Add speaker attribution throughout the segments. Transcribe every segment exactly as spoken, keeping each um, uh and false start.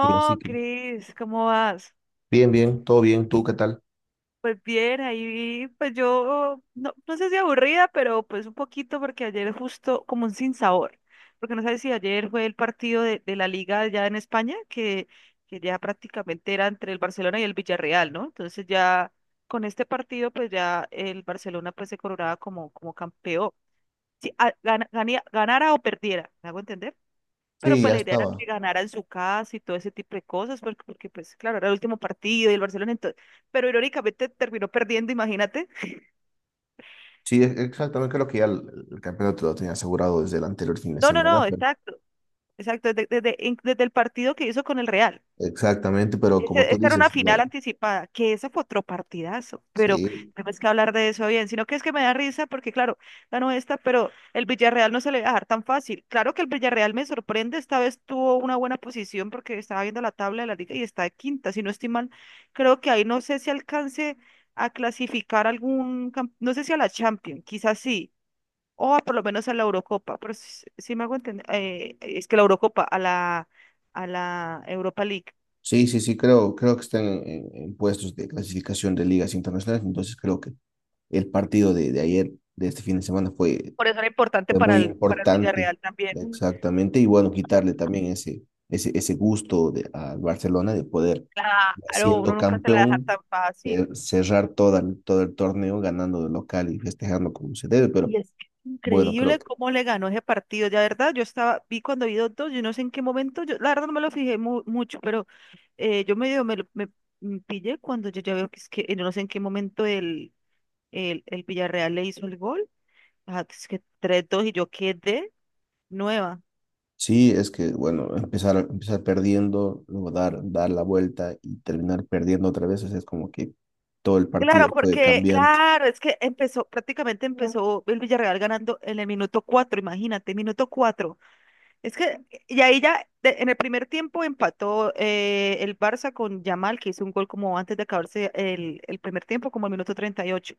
Speaker 1: Y así que,
Speaker 2: Cris, ¿cómo vas?
Speaker 1: bien, bien, todo bien, ¿tú qué tal?
Speaker 2: Pues bien, ahí, pues yo, no, no sé si aburrida, pero pues un poquito porque ayer justo como un sinsabor, porque no sabes si ayer fue el partido de, de la liga ya en España, que, que ya prácticamente era entre el Barcelona y el Villarreal, ¿no? Entonces ya con este partido, pues ya el Barcelona pues se coronaba como, como campeón, si a- gana- ganía- ganara o perdiera, ¿me hago entender? Pero
Speaker 1: Sí,
Speaker 2: pues
Speaker 1: ya
Speaker 2: la idea era que
Speaker 1: estaba.
Speaker 2: ganara en su casa y todo ese tipo de cosas, porque, porque pues claro, era el último partido y el Barcelona entonces, pero irónicamente terminó perdiendo, imagínate.
Speaker 1: Sí, e- exactamente, creo que ya el, el campeonato lo tenía asegurado desde el anterior fin de
Speaker 2: No, no, no,
Speaker 1: semana, pero
Speaker 2: exacto, exacto, desde, desde, in- desde el partido que hizo con el Real.
Speaker 1: exactamente, pero como
Speaker 2: Ese-
Speaker 1: tú
Speaker 2: Esta era una
Speaker 1: dices,
Speaker 2: final
Speaker 1: no.
Speaker 2: anticipada, que esa fue otro partidazo, pero
Speaker 1: Sí,
Speaker 2: tenemos que hablar de eso bien, sino que es que me da risa porque, claro, ganó esta, pero el Villarreal no se le va a dejar tan fácil. Claro que el Villarreal me sorprende, esta vez tuvo una buena posición porque estaba viendo la tabla de la liga y está de quinta, si no estoy mal, creo que ahí no sé si alcance a clasificar algún, cam- no sé si a la Champions, quizás sí, o a por lo menos a la Eurocopa, pero si, si me hago entender, eh, es que la Eurocopa, a la, a la Europa League.
Speaker 1: sí, sí, sí, creo, creo que están en, en- en puestos de clasificación de ligas internacionales, entonces creo que el partido de, de ayer, de este fin de semana, fue
Speaker 2: Por eso era importante
Speaker 1: Fue
Speaker 2: para
Speaker 1: muy
Speaker 2: el, para el
Speaker 1: importante,
Speaker 2: Villarreal también.
Speaker 1: exactamente. Y bueno,
Speaker 2: Pues,
Speaker 1: quitarle también ese, ese, ese gusto de, al Barcelona de poder,
Speaker 2: claro, uno
Speaker 1: siendo
Speaker 2: nunca se la deja
Speaker 1: campeón,
Speaker 2: tan fácil.
Speaker 1: eh, cerrar toda, el- todo el torneo ganando de local y festejando como se debe. Pero
Speaker 2: Y es que es
Speaker 1: bueno, creo
Speaker 2: increíble
Speaker 1: que
Speaker 2: cómo le ganó ese partido. Ya, verdad, yo estaba, vi cuando vi dos, dos, yo no sé en qué momento, yo la verdad no me lo fijé mu- mucho, pero eh, yo medio me, lo- me, mm, pillé cuando yo ya veo que es que eh, yo no sé en qué momento el, el, el Villarreal le hizo el gol. Ajá, que es que tres dos y yo quedé nueva.
Speaker 1: sí, es que bueno, empezar, empezar perdiendo, luego dar, dar la vuelta y terminar perdiendo otra vez, o sea, es como que todo el
Speaker 2: Claro,
Speaker 1: partido fue
Speaker 2: porque,
Speaker 1: cambiante.
Speaker 2: claro, es que empezó, prácticamente empezó el Villarreal ganando en el minuto cuatro, imagínate, minuto cuatro. Es que, y ahí ya, de- en el primer tiempo empató eh, el Barça con Yamal, que hizo un gol como antes de acabarse el, el primer tiempo, como el minuto treinta y ocho.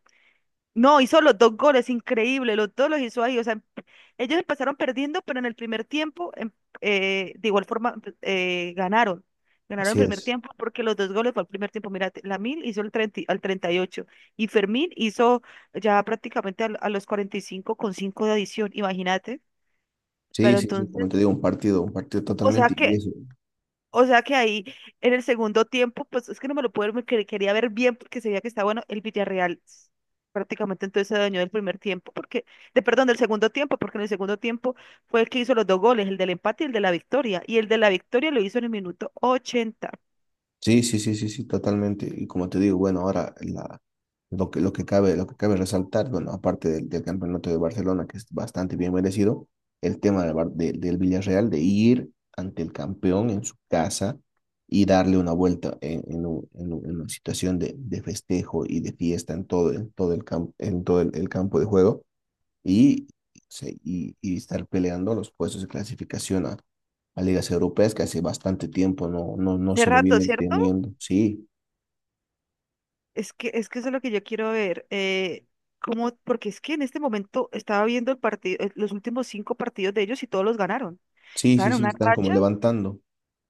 Speaker 2: No, hizo los dos goles, increíble, los dos los hizo ahí. O sea, emp- ellos empezaron perdiendo, pero en el primer tiempo, em- eh, de igual forma, eh, ganaron. Ganaron el
Speaker 1: Así
Speaker 2: primer
Speaker 1: es.
Speaker 2: tiempo porque los dos goles fue el primer tiempo. Mira, Lamil hizo el treinta y- al treinta y ocho y Fermín hizo ya prácticamente al- a, los cuarenta y cinco con cinco de adición, imagínate.
Speaker 1: Sí,
Speaker 2: Pero
Speaker 1: sí, sí, como te
Speaker 2: entonces,
Speaker 1: digo, un partido, un partido
Speaker 2: o sea
Speaker 1: totalmente. Y
Speaker 2: que
Speaker 1: eso.
Speaker 2: o sea que ahí en el segundo tiempo, pues es que no me lo puedo, me quer- quería ver bien porque se veía que está bueno el Villarreal. s- Prácticamente entonces se adueñó del primer tiempo, porque, de perdón, del segundo tiempo, porque en el segundo tiempo fue el que hizo los dos goles, el del empate y el de la victoria. Y el de la victoria lo hizo en el minuto ochenta.
Speaker 1: Sí, sí, sí, sí, sí, totalmente. Y como te digo, bueno, ahora la, lo que, lo que cabe, lo que cabe resaltar, bueno, aparte del, del campeonato de Barcelona, que es bastante bien merecido, el tema del, Bar- de- del Villarreal, de ir ante el campeón en su casa y darle una vuelta en, en, un- en un- en una situación de, de festejo y de fiesta en todo, en todo el campo, en todo el el campo de juego y, se- y, y estar peleando los puestos de clasificación a, a ligas europeas que hace bastante tiempo no, no, no
Speaker 2: Hace
Speaker 1: se lo
Speaker 2: rato,
Speaker 1: vienen
Speaker 2: ¿cierto?
Speaker 1: teniendo. Sí,
Speaker 2: Es que, es que eso es lo que yo quiero ver. Eh, cómo- porque es que en este momento estaba viendo el partido, eh, los últimos cinco partidos de ellos y todos los ganaron.
Speaker 1: sí, sí,
Speaker 2: Estaban en
Speaker 1: sí,
Speaker 2: una
Speaker 1: están como
Speaker 2: racha.
Speaker 1: levantando.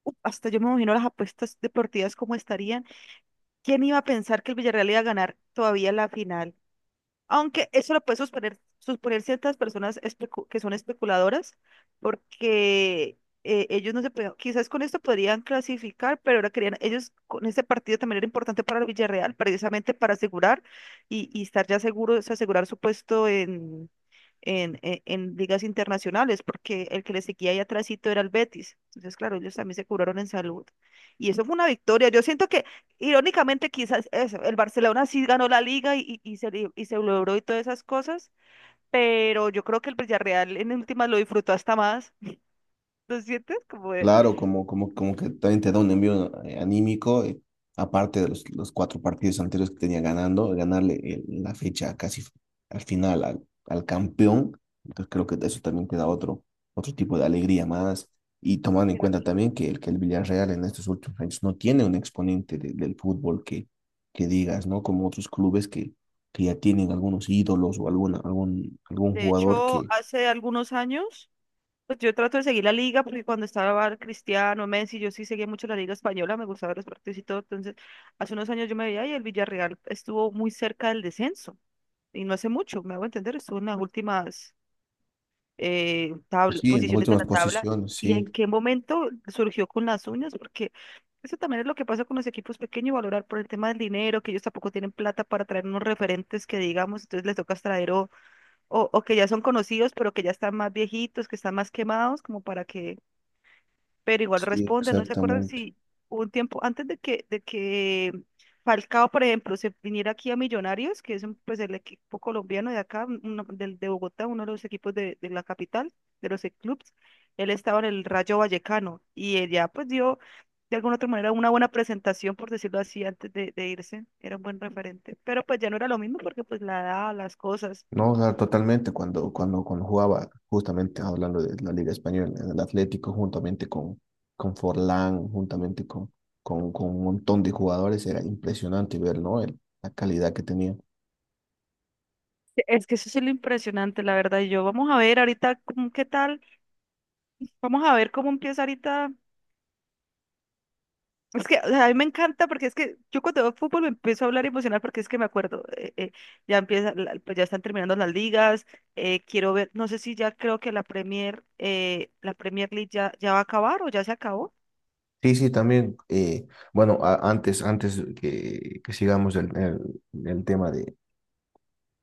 Speaker 2: Uf, hasta yo me imagino las apuestas deportivas cómo estarían. ¿Quién iba a pensar que el Villarreal iba a ganar todavía la final? Aunque eso lo puede suponer, suponer, ciertas personas especu- que son especuladoras, porque eh, ellos no se pueden, quizás con esto podrían clasificar, pero ahora querían, ellos con este partido también era importante para el Villarreal, precisamente para asegurar y, y estar ya seguros, asegurar su puesto en, en- en ligas internacionales, porque el que le seguía ahí atrásito era el Betis. Entonces, claro, ellos también se curaron en salud. Y eso fue una victoria. Yo siento que, irónicamente, quizás eso, el Barcelona sí ganó la liga y, y, y se, li- y se logró y todas esas cosas, pero yo creo que el Villarreal en últimas lo disfrutó hasta más. ¿No sientes? Como de,
Speaker 1: Claro, como, como, como que también te da un envío eh, anímico, eh, aparte de los, los cuatro partidos anteriores que tenía ganando, ganarle el- la fecha casi f- al final al, al campeón, entonces creo que eso también te da otro, otro tipo de alegría más, y tomando en cuenta también que el, que el Villarreal en estos últimos años no tiene un exponente de- del fútbol que, que digas, ¿no? Como otros clubes que, que ya tienen algunos ídolos o alguna, algún, algún
Speaker 2: de
Speaker 1: jugador
Speaker 2: hecho,
Speaker 1: que,
Speaker 2: hace algunos años. Pues yo trato de seguir la liga porque cuando estaba Cristiano, Messi, yo sí seguía mucho la liga española, me gustaba ver los partidos y todo. Entonces, hace unos años yo me veía y el Villarreal estuvo muy cerca del descenso. Y no hace mucho, me hago entender, estuvo en las últimas eh,
Speaker 1: pues
Speaker 2: tabla-
Speaker 1: sí, en las
Speaker 2: posiciones de
Speaker 1: últimas
Speaker 2: la tabla.
Speaker 1: posiciones,
Speaker 2: ¿Y
Speaker 1: sí,
Speaker 2: en qué momento surgió con las uñas? Porque eso también es lo que pasa con los equipos pequeños, valorar por el tema del dinero, que ellos tampoco tienen plata para traer unos referentes que digamos, entonces les toca traer o, o, o que ya son conocidos, pero que ya están más viejitos, que están más quemados, como para que pero igual
Speaker 1: sí,
Speaker 2: responde, no se acuerdan
Speaker 1: exactamente.
Speaker 2: si hubo un tiempo antes de que, de que Falcao, por ejemplo, se viniera aquí a Millonarios, que es un, pues el equipo colombiano de acá, uno del- de, Bogotá, uno de los equipos de, de la capital, de los clubes, él estaba en el Rayo Vallecano y él ya pues dio de alguna otra manera una buena presentación, por decirlo así, antes de, de irse, era un buen referente, pero pues ya no era lo mismo porque pues la edad, las cosas.
Speaker 1: No, o sea, totalmente, cuando, cuando, cuando jugaba, justamente hablando de la Liga Española, en el Atlético, juntamente con, con Forlán, juntamente con, con, con un montón de jugadores, era impresionante ver, ¿no? El- la calidad que tenía.
Speaker 2: Es que eso es lo impresionante, la verdad. Yo vamos a ver ahorita cómo- qué tal, vamos a ver cómo empieza ahorita. Es que o sea, a mí me encanta porque es que yo cuando veo fútbol me empiezo a hablar emocional porque es que me acuerdo, eh, eh, ya empieza, la- pues ya están terminando las ligas, eh, quiero ver, no sé si ya creo que la Premier, eh, la Premier League ya, ya, va a acabar o ya se acabó.
Speaker 1: Sí, sí, también, eh, bueno, a- antes, antes que, que sigamos el, el, el tema de,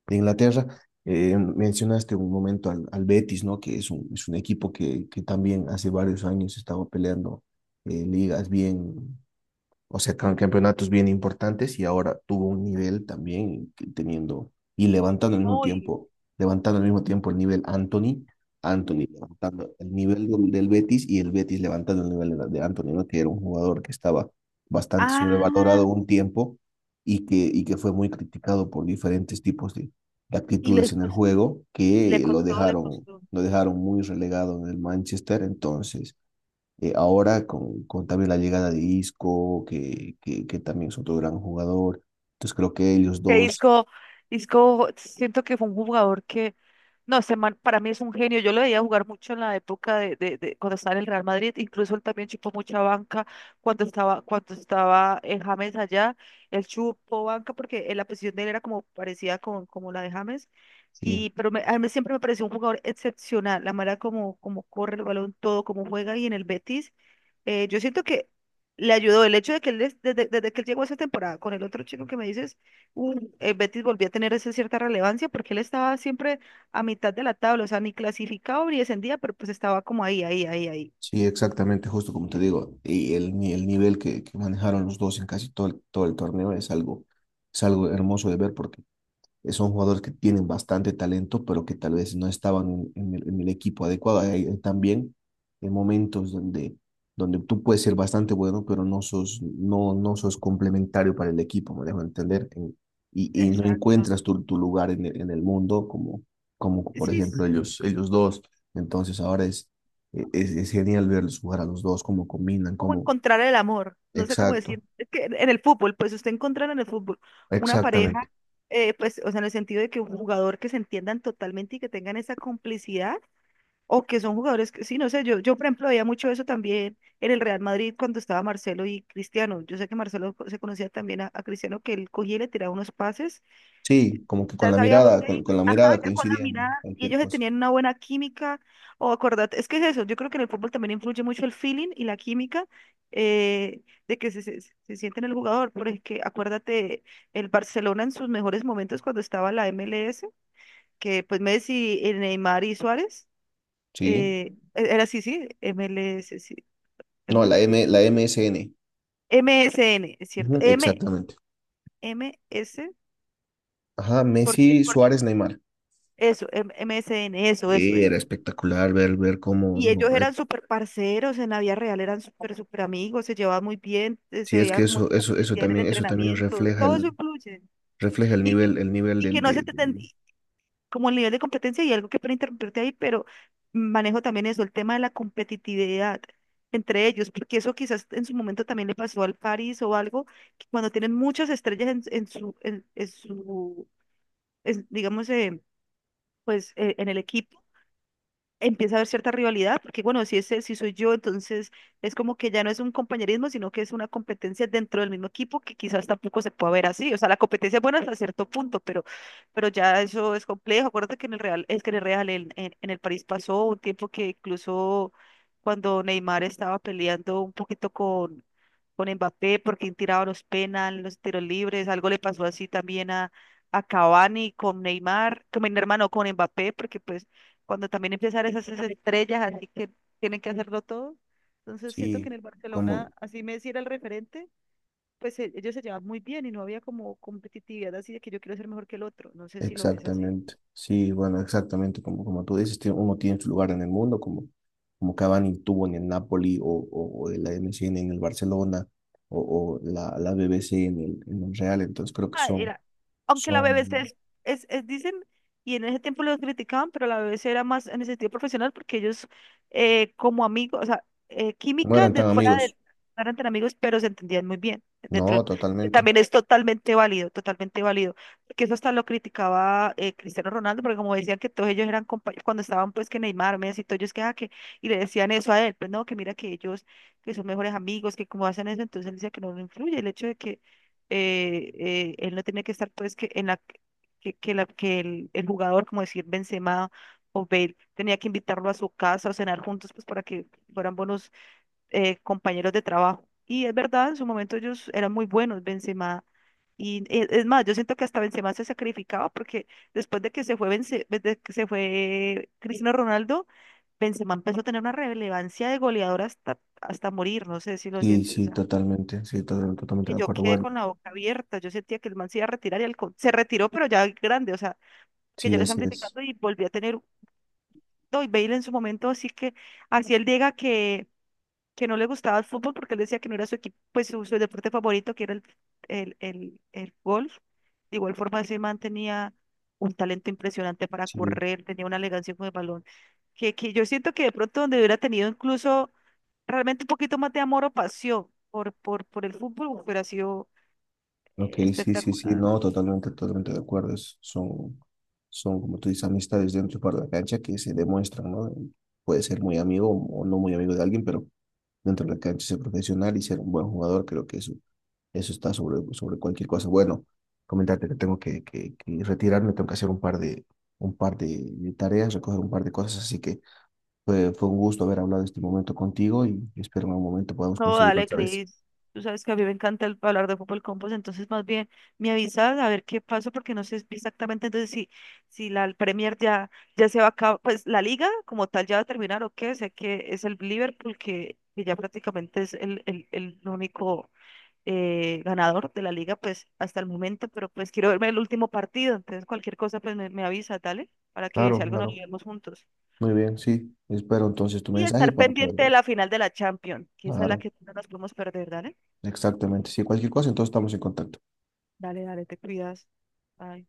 Speaker 1: de Inglaterra, eh, mencionaste un momento al, al Betis, ¿no? Que es un, es un equipo que, que también hace varios años estaba peleando eh, ligas bien, o sea, can- campeonatos bien importantes y ahora tuvo un nivel también que teniendo y levantando al mismo
Speaker 2: Uy,
Speaker 1: tiempo, levantando al mismo tiempo el nivel Anthony, Anthony levantando el nivel del, del Betis y el Betis levantando el nivel de, de Anthony, ¿no? Que era un jugador que estaba bastante
Speaker 2: Ah,
Speaker 1: sobrevalorado un tiempo y que, y que fue muy criticado por diferentes tipos de, de
Speaker 2: y
Speaker 1: actitudes
Speaker 2: le
Speaker 1: en el
Speaker 2: costó,
Speaker 1: juego
Speaker 2: y le
Speaker 1: que lo
Speaker 2: costó, le
Speaker 1: dejaron,
Speaker 2: costó.
Speaker 1: lo dejaron muy relegado en el Manchester, entonces eh, ahora con, con también la llegada de Isco, que, que, que también es otro gran jugador. Entonces creo que ellos
Speaker 2: Que
Speaker 1: dos,
Speaker 2: Isco, Isco, siento que fue un jugador que no, ese man para mí es un genio. Yo lo veía jugar mucho en la época de, de- de cuando estaba en el Real Madrid. Incluso él también chupó mucha banca cuando estaba, cuando estaba en James allá. Él chupó banca porque eh, la posición de él era como parecida con, como la de James. Y,
Speaker 1: sí,
Speaker 2: pero me- a mí siempre me pareció un jugador excepcional. La manera como, como corre el balón, todo, como juega. Y en el Betis eh, yo siento que le ayudó el hecho de que él, des- desde, desde que él llegó a esa temporada con el otro chico que me dices, un- el Betis volvió a tener esa cierta relevancia porque él estaba siempre a mitad de la tabla, o sea, ni clasificado ni descendía, pero pues estaba como ahí, ahí, ahí, ahí.
Speaker 1: sí, exactamente, justo como te digo, y el, ni- el nivel que, que manejaron los dos en casi todo el, todo el torneo es algo, es algo hermoso de ver porque eh, son jugadores que tienen bastante talento, pero que tal vez no estaban en, en el, en el equipo adecuado. Hay, hay también eh, momentos donde, donde tú puedes ser bastante bueno, pero no sos, no, no sos complementario para el equipo, me dejo entender. En- y, y no encuentras
Speaker 2: Exacto.
Speaker 1: tu, tu lugar en el, en el mundo, como, como por
Speaker 2: Sí,
Speaker 1: ejemplo
Speaker 2: es
Speaker 1: ellos, ellos dos. Entonces ahora es, eh, es, es genial verlos jugar a los dos, cómo combinan,
Speaker 2: como
Speaker 1: cómo...
Speaker 2: encontrar el amor, no sé cómo
Speaker 1: Exacto,
Speaker 2: decir, es que en en el fútbol, pues usted encontrar en el fútbol una
Speaker 1: exactamente.
Speaker 2: pareja, eh, pues, o sea, en el sentido de que un jugador que se entiendan totalmente y que tengan esa complicidad. O que son jugadores que, sí, no sé, yo, yo por ejemplo veía mucho eso también en el Real Madrid cuando estaba Marcelo y Cristiano. Yo sé que Marcelo co- se conocía también a, a Cristiano, que él cogía y le tiraba unos pases.
Speaker 1: Sí, como que con
Speaker 2: Ya
Speaker 1: la
Speaker 2: sabía, bo-
Speaker 1: mirada, con, con la
Speaker 2: ajá,
Speaker 1: mirada
Speaker 2: ya con la
Speaker 1: coincidían
Speaker 2: mirada. Y
Speaker 1: cualquier
Speaker 2: ellos se
Speaker 1: cosa.
Speaker 2: tenían una buena química. O acordate, es que es eso, yo creo que en el fútbol también influye mucho el feeling y la química eh, de que se, se, se siente en el jugador. Porque acuérdate, el Barcelona en sus mejores momentos cuando estaba la M L S, que pues Messi, eh, Neymar y Suárez.
Speaker 1: Sí.
Speaker 2: Eh, e, era así, sí, M L S, sí. ¿qué
Speaker 1: No, la
Speaker 2: más?
Speaker 1: M, la M S N.
Speaker 2: M S N, es cierto.
Speaker 1: Ujú,
Speaker 2: M,
Speaker 1: exactamente.
Speaker 2: m s
Speaker 1: Ajá,
Speaker 2: porque,
Speaker 1: Messi,
Speaker 2: porque,
Speaker 1: Suárez, Neymar.
Speaker 2: eso, M- MSN, eso, eso,
Speaker 1: Eh,
Speaker 2: eso.
Speaker 1: era espectacular ver, ver, cómo.
Speaker 2: Y
Speaker 1: No,
Speaker 2: ellos
Speaker 1: eh,
Speaker 2: eran súper parceros en la vida real, eran súper, súper amigos, se llevaban muy bien, eh, se
Speaker 1: sí, es
Speaker 2: veía
Speaker 1: que
Speaker 2: como
Speaker 1: eso, eso, eso
Speaker 2: complicidad en el
Speaker 1: también, eso también
Speaker 2: entrenamiento,
Speaker 1: refleja
Speaker 2: todo eso
Speaker 1: el,
Speaker 2: influye.
Speaker 1: refleja el
Speaker 2: Y, que-
Speaker 1: nivel, el nivel
Speaker 2: y que
Speaker 1: del,
Speaker 2: no se
Speaker 1: de-
Speaker 2: te, ten-
Speaker 1: del-
Speaker 2: como el nivel de competencia y algo que para interrumpirte ahí, pero manejo también eso, el tema de la competitividad entre ellos, porque eso quizás en su momento también le pasó al París o algo, que cuando tienen muchas estrellas en, en su, en, en su, en- digamos, eh, pues eh, en el equipo empieza a haber cierta rivalidad, porque bueno, si ese, si soy yo, entonces es como que ya no es un compañerismo, sino que es una competencia dentro del mismo equipo que quizás tampoco se pueda ver así. O sea, la competencia es buena hasta cierto punto, pero, pero, ya eso es complejo. Acuérdate que en el Real, es que en el Real, en, en- en el París pasó un tiempo que incluso cuando Neymar estaba peleando un poquito con, con Mbappé, porque tiraba los penales, los tiros libres, algo le pasó así también a a Cavani con Neymar, con mi hermano, con Mbappé, porque pues cuando también empiezan esas estrellas, así que tienen que hacerlo todo. Entonces siento que en
Speaker 1: Sí,
Speaker 2: el Barcelona,
Speaker 1: como,
Speaker 2: así Messi era el referente, pues e- ellos se llevaban muy bien y no había como competitividad así de que yo quiero ser mejor que el otro. No sé si lo ves así.
Speaker 1: exactamente. Sí, bueno, exactamente, como, como tú dices, tiene- uno tiene su lugar en el mundo, como, como Cavani tuvo en el Napoli o, o, o la M S N en el Barcelona o, o la, la B B C en el, en el Real, entonces creo que
Speaker 2: Ah,
Speaker 1: son.
Speaker 2: era- Aunque la B B C
Speaker 1: Son
Speaker 2: es, es, es- dicen, y en ese tiempo los criticaban, pero la B B C era más en el sentido profesional porque ellos eh, como amigos, o sea, eh,
Speaker 1: No
Speaker 2: química
Speaker 1: eran
Speaker 2: de,
Speaker 1: tan
Speaker 2: fuera de,
Speaker 1: amigos.
Speaker 2: no eran tan amigos, pero se entendían muy bien. Dentro del-
Speaker 1: No,
Speaker 2: que
Speaker 1: totalmente.
Speaker 2: también es totalmente válido, totalmente válido. Porque eso hasta lo criticaba eh, Cristiano Ronaldo, porque como decían que todos ellos eran compañeros, cuando estaban pues que Neymar, Messi, todos ellos que, ah, que, y le decían eso a él, pues no, que mira que ellos, que son mejores amigos, que como hacen eso, entonces él decía que no le influye el hecho de que eh, eh, él no tenía que estar pues que en la que, que la, que el, el jugador, como decir Benzema o Bale, tenía que invitarlo a su casa o cenar juntos pues para que fueran buenos eh, compañeros de trabajo. Y es verdad, en su momento ellos eran muy buenos, Benzema. Y e- es más, yo siento que hasta Benzema se sacrificaba porque después de que se fue, Benze- pues, de que se fue Cristiano Ronaldo, Benzema empezó a tener una relevancia de goleador hasta, hasta morir, no sé si lo
Speaker 1: Sí,
Speaker 2: sientes
Speaker 1: sí, totalmente. Sí, to- totalmente
Speaker 2: que
Speaker 1: de
Speaker 2: yo
Speaker 1: acuerdo.
Speaker 2: quedé
Speaker 1: Bueno,
Speaker 2: con la boca abierta. Yo sentía que el man se iba a retirar y el co, se retiró, pero ya grande, o sea, que ya
Speaker 1: sí,
Speaker 2: le están
Speaker 1: así es.
Speaker 2: criticando y volví a tener. No, y Bale en su momento, así que, así él diga que, que no le gustaba el fútbol porque él decía que no era su equipo, pues su, su deporte favorito, que era el, el, el, el golf. De igual forma, ese man tenía un talento impresionante para
Speaker 1: Sí,
Speaker 2: correr, tenía una elegancia con el balón, que, que yo siento que de pronto donde hubiera tenido incluso realmente un poquito más de amor o pasión por, por, por el fútbol, hubiera sido
Speaker 1: ok, sí, sí, sí.
Speaker 2: espectacular.
Speaker 1: No, totalmente, totalmente de acuerdo. Es- son, son, como tú dices, amistades dentro y fuera de la cancha que se demuestran, ¿no? Puede ser muy amigo o no muy amigo de alguien, pero dentro de la cancha ser profesional y ser un buen jugador, creo que eso, eso está sobre, sobre cualquier cosa. Bueno, comentarte que tengo que, que, que retirarme, tengo que hacer un par de, un par de de tareas, recoger un par de cosas, así que. Fue, fue un gusto haber hablado este momento contigo y espero en algún momento podamos
Speaker 2: No,
Speaker 1: coincidir
Speaker 2: dale,
Speaker 1: otra vez.
Speaker 2: Cris. Tú sabes que a mí me encanta el- hablar de fútbol con vos, entonces más bien me avisas a ver qué pasó, porque no sé exactamente entonces si, si la Premier ya, ya se va a acabar, pues la liga como tal ya va a terminar o qué, sé que es el Liverpool que, que ya prácticamente es el, el, el único eh, ganador de la liga, pues hasta el momento, pero pues quiero verme el último partido, entonces cualquier cosa pues me, me avisa, dale, para que si
Speaker 1: Claro,
Speaker 2: algo nos lo
Speaker 1: claro.
Speaker 2: vemos juntos.
Speaker 1: Muy bien, sí. Espero entonces tu
Speaker 2: Y
Speaker 1: mensaje
Speaker 2: estar
Speaker 1: para poder
Speaker 2: pendiente de
Speaker 1: ver.
Speaker 2: la final de la Champions, que esa es la
Speaker 1: Claro,
Speaker 2: que no nos podemos perder, dale.
Speaker 1: exactamente. Si cualquier cosa, entonces estamos en contacto.
Speaker 2: Dale, dale, te cuidas. Bye.